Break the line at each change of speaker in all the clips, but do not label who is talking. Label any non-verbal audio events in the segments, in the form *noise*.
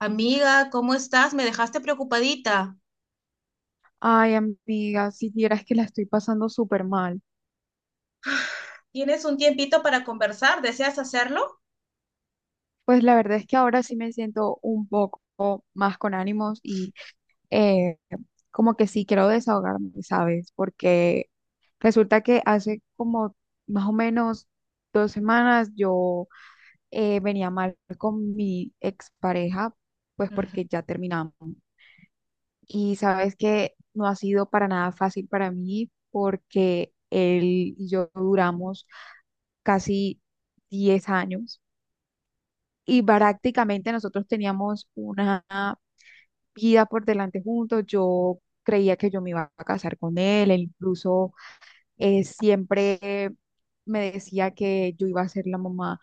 Amiga, ¿cómo estás? Me dejaste preocupadita.
Ay, amiga, si vieras que la estoy pasando súper mal.
¿Tienes un tiempito para conversar? ¿Deseas hacerlo?
Pues la verdad es que ahora sí me siento un poco más con ánimos y eh, como que sí quiero desahogarme, ¿sabes? Porque resulta que hace como más o menos 2 semanas yo venía mal con mi expareja, pues
Ujú.
porque ya terminamos. Y sabes que no ha sido para nada fácil para mí porque él y yo duramos casi 10 años y prácticamente nosotros teníamos una vida por delante juntos. Yo creía que yo me iba a casar con él, él incluso siempre me decía que yo iba a ser la mamá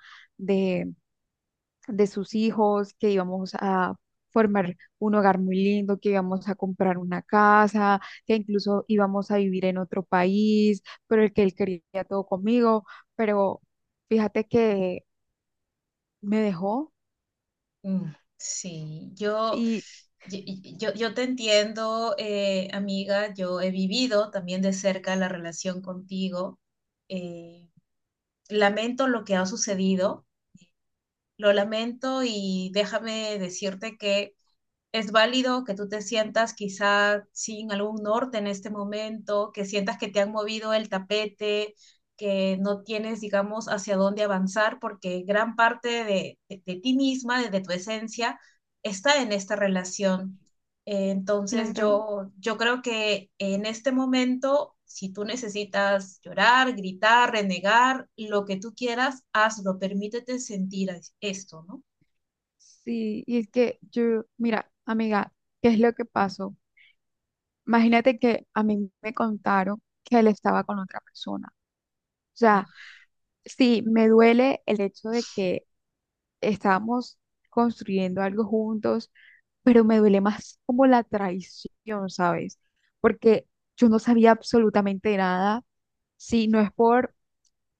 de sus hijos, que íbamos a formar un hogar muy lindo, que íbamos a comprar una casa, que incluso íbamos a vivir en otro país, pero el que él quería todo conmigo, pero fíjate que me dejó
Mm, sí,
y
yo, yo te entiendo, amiga. Yo he vivido también de cerca la relación contigo. Eh, Lamento lo que ha sucedido, lo lamento, y déjame decirte que es válido que tú te sientas quizá sin algún norte en este momento, que sientas que te han movido el tapete, que no tienes, digamos, hacia dónde avanzar, porque gran parte de ti misma, de tu esencia, está en esta relación. Entonces
claro,
yo creo que en este momento, si tú necesitas llorar, gritar, renegar, lo que tú quieras, hazlo. Permítete sentir esto, ¿no?
sí, y es que yo, mira, amiga, ¿qué es lo que pasó? Imagínate que a mí me contaron que él estaba con otra persona. O sea, sí, me duele el hecho de que estábamos construyendo algo juntos, pero me duele más como la traición, ¿sabes? Porque yo no sabía absolutamente nada. Si no es por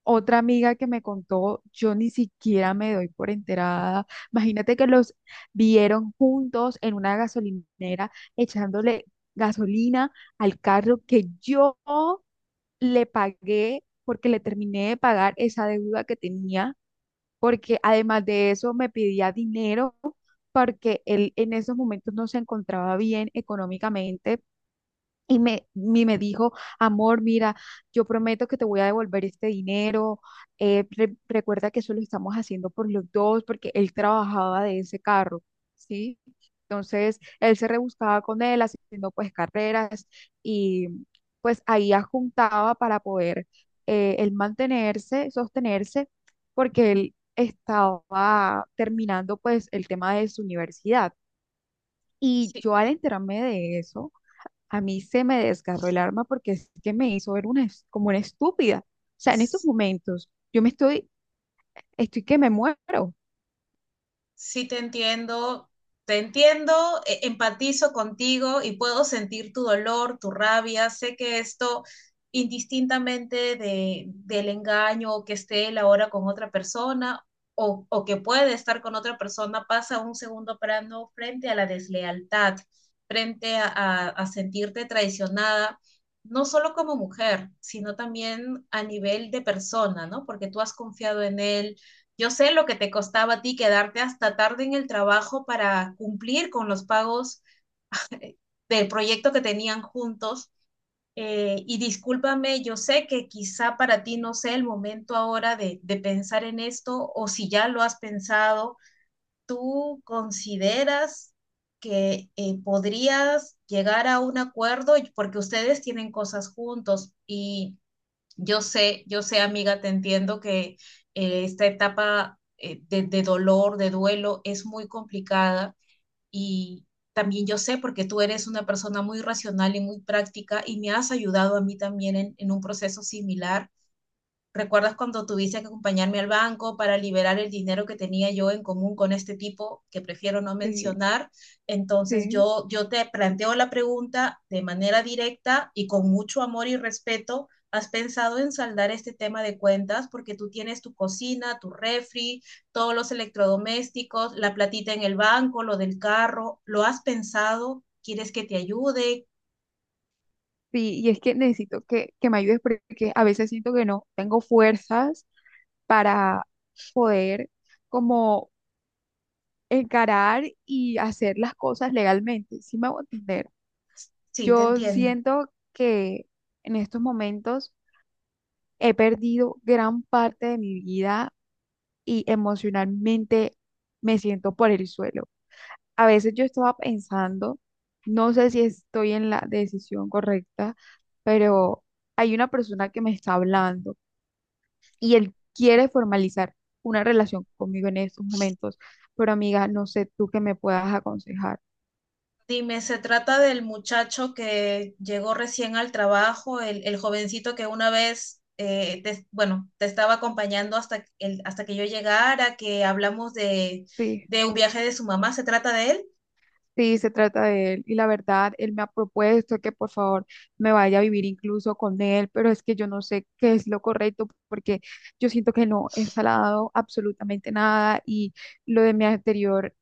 otra amiga que me contó, yo ni siquiera me doy por enterada. Imagínate que los vieron juntos en una gasolinera echándole gasolina al carro que yo le pagué porque le terminé de pagar esa deuda que tenía porque además de eso me pedía dinero porque él en esos momentos no se encontraba bien económicamente y me dijo, amor, mira, yo prometo que te voy a devolver este dinero. Recuerda que eso lo estamos haciendo por los dos, porque él trabajaba de ese carro, ¿sí? Entonces, él se rebuscaba con él, haciendo pues carreras y pues ahí juntaba para poder él mantenerse, sostenerse, porque él estaba terminando pues el tema de su universidad. Y
Sí,
yo al enterarme de eso, a mí se me desgarró el arma porque es que me hizo ver una, como una estúpida. O sea, en estos momentos estoy que me muero.
Sí, te entiendo, empatizo contigo y puedo sentir tu dolor, tu rabia. Sé que esto, indistintamente de, del engaño, o que esté él ahora con otra persona, o que puede estar con otra persona, pasa a un segundo plano frente a la deslealtad, frente a a sentirte traicionada, no solo como mujer, sino también a nivel de persona, ¿no? Porque tú has confiado en él. Yo sé lo que te costaba a ti quedarte hasta tarde en el trabajo para cumplir con los pagos del proyecto que tenían juntos. Y discúlpame, yo sé que quizá para ti no sea el momento ahora de pensar en esto, o si ya lo has pensado, ¿tú consideras que podrías llegar a un acuerdo porque ustedes tienen cosas juntos? Y yo sé, amiga, te entiendo que esta etapa, de dolor, de duelo, es muy complicada. Y también yo sé, porque tú eres una persona muy racional y muy práctica, y me has ayudado a mí también en un proceso similar. ¿Recuerdas cuando tuviste que acompañarme al banco para liberar el dinero que tenía yo en común con este tipo que prefiero no
Sí,
mencionar? Entonces
sí,
yo te planteo la pregunta de manera directa y con mucho amor y respeto. ¿Has pensado en saldar este tema de cuentas? Porque tú tienes tu cocina, tu refri, todos los electrodomésticos, la platita en el banco, lo del carro. ¿Lo has pensado? ¿Quieres que te ayude?
sí, y es que necesito que me ayudes porque a veces siento que no tengo fuerzas para poder como encarar y hacer las cosas legalmente. Sí me hago entender.
Sí, te
Yo
entiendo.
siento que en estos momentos he perdido gran parte de mi vida y emocionalmente me siento por el suelo. A veces yo estaba pensando, no sé si estoy en la decisión correcta, pero hay una persona que me está hablando y él quiere formalizar una relación conmigo en estos momentos, pero amiga, no sé tú qué me puedas aconsejar.
Dime, ¿se trata del muchacho que llegó recién al trabajo, el jovencito que una vez, bueno, te estaba acompañando hasta, el, hasta que yo llegara, que hablamos
Sí.
de un viaje de su mamá? ¿Se trata de él?
Sí, se trata de él y la verdad, él me ha propuesto que por favor me vaya a vivir incluso con él, pero es que yo no sé qué es lo correcto porque yo siento que no he salado absolutamente nada y lo de mi anterior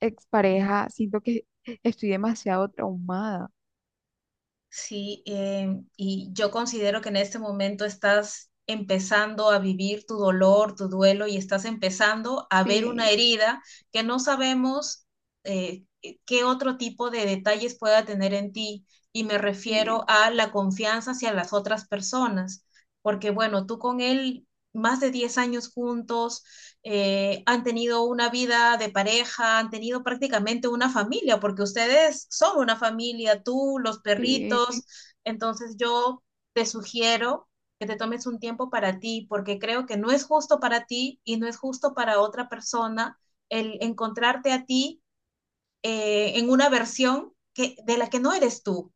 expareja, siento que estoy demasiado traumada.
Sí, y yo considero que en este momento estás empezando a vivir tu dolor, tu duelo, y estás empezando a ver una
Sí,
herida que no sabemos qué otro tipo de detalles pueda tener en ti. Y me refiero
sí,
a la confianza hacia las otras personas, porque bueno, tú con él más de 10 años juntos, han tenido una vida de pareja, han tenido prácticamente una familia, porque ustedes son una familia, tú, los
sí,
perritos. Entonces yo te sugiero que te tomes un tiempo para ti, porque creo que no es justo para ti y no es justo para otra persona el encontrarte a ti en una versión que, de la que no eres tú,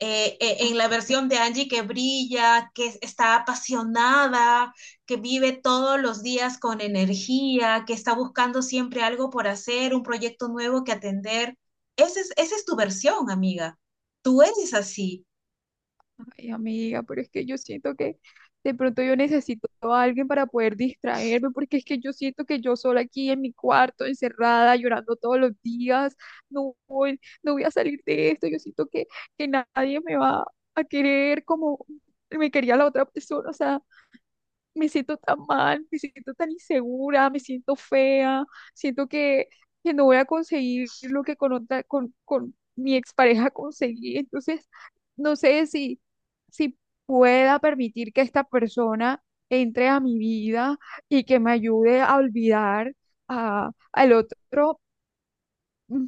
en la versión
ok.
de Angie que brilla, que está apasionada, que vive todos los días con energía, que está buscando siempre algo por hacer, un proyecto nuevo que atender. Ese es, esa es tu versión, amiga. Tú eres así.
Ay, amiga, pero es que yo siento que de pronto yo necesito a alguien para poder distraerme, porque es que yo siento que yo sola aquí en mi cuarto, encerrada, llorando todos los días, no voy a salir de esto. Yo siento que nadie me va a querer como me quería la otra persona. O sea, me siento tan mal, me siento tan insegura, me siento fea, siento que no voy a conseguir lo que con otra, con mi expareja *laughs* conseguí. Entonces, no sé si pueda permitir que esta persona entre a mi vida y que me ayude a olvidar al otro mm,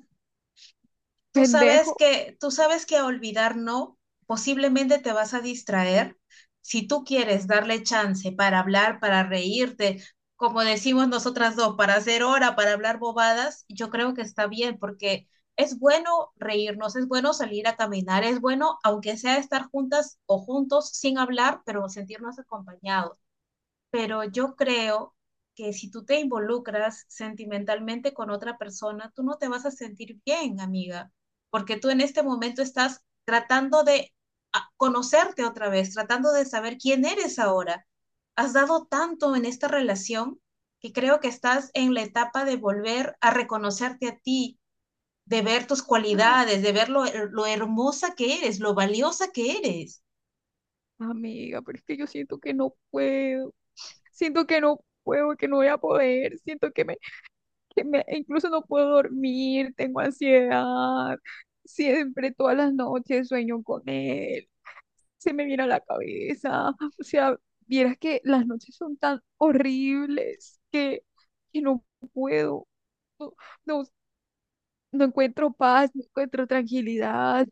Tú sabes
pendejo.
que, tú sabes que a olvidar no, posiblemente te vas a distraer. Si tú quieres darle chance para hablar, para reírte, como decimos nosotras dos, para hacer hora, para hablar bobadas, yo creo que está bien, porque es bueno reírnos, es bueno salir a caminar, es bueno, aunque sea estar juntas o juntos sin hablar, pero sentirnos acompañados. Pero yo creo que si tú te involucras sentimentalmente con otra persona, tú no te vas a sentir bien, amiga, porque tú en este momento estás tratando de conocerte otra vez, tratando de saber quién eres ahora. Has dado tanto en esta relación que creo que estás en la etapa de volver a reconocerte a ti, de ver tus
Ah,
cualidades, de ver lo hermosa que eres, lo valiosa que eres.
amiga, pero es que yo siento que no puedo, siento que no puedo, que no voy a poder, siento que me, incluso no puedo dormir, tengo ansiedad, siempre todas las noches sueño con él, se me viene a la cabeza, o sea, vieras que las noches son tan horribles que no puedo, no, no, no encuentro paz, no encuentro tranquilidad,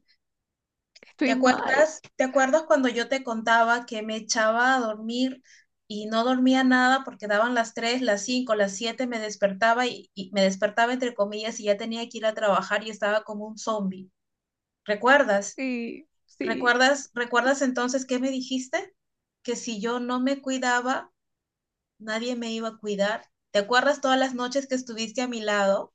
estoy mal,
Te acuerdas cuando yo te contaba que me echaba a dormir y no dormía nada porque daban las 3, las 5, las 7 me despertaba y me despertaba entre comillas, y ya tenía que ir a trabajar y estaba como un zombie? ¿Recuerdas?
sí, sí.
¿Recuerdas, recuerdas entonces qué me dijiste? Que si yo no me cuidaba, nadie me iba a cuidar. ¿Te acuerdas todas las noches que estuviste a mi lado?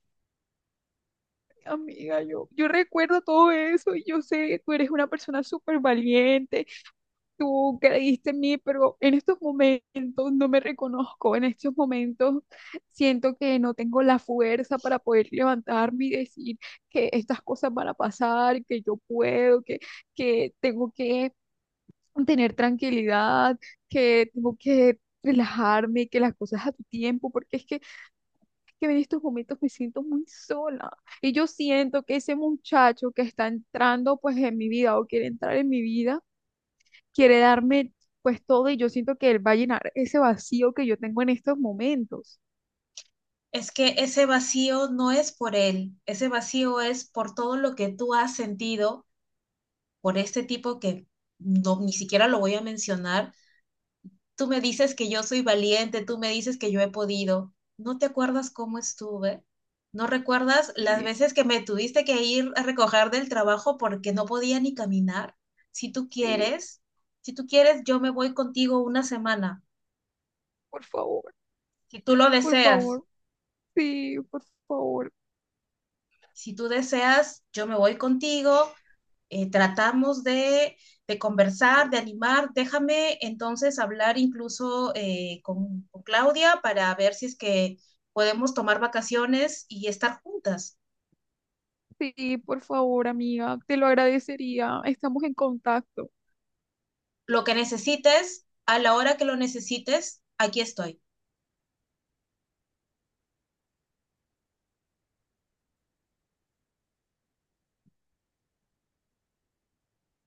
Amiga, yo recuerdo todo eso y yo sé que tú eres una persona súper valiente, tú creíste en mí, pero en estos momentos no me reconozco, en estos momentos siento que no tengo la fuerza para poder levantarme y decir que estas cosas van a pasar, que yo puedo, que tengo que tener tranquilidad, que tengo que relajarme, que las cosas a tu tiempo, porque es que en estos momentos me siento muy sola y yo siento que ese muchacho que está entrando pues en mi vida o quiere entrar en mi vida, quiere darme pues todo y yo siento que él va a llenar ese vacío que yo tengo en estos momentos.
Es que ese vacío no es por él, ese vacío es por todo lo que tú has sentido por este tipo que no, ni siquiera lo voy a mencionar. Tú me dices que yo soy valiente, tú me dices que yo he podido. ¿No te acuerdas cómo estuve? ¿No recuerdas las
Sí,
veces que me tuviste que ir a recoger del trabajo porque no podía ni caminar? Si tú
sí,
quieres, si tú quieres, yo me voy contigo una semana.
por favor,
Si tú lo
por
deseas,
favor, sí, por favor,
si tú deseas, yo me voy contigo. Tratamos de conversar, de animar. Déjame entonces hablar, incluso con Claudia, para ver si es que podemos tomar vacaciones y estar juntas.
sí, por favor, amiga, te lo agradecería. Estamos en contacto.
Lo que necesites, a la hora que lo necesites, aquí estoy.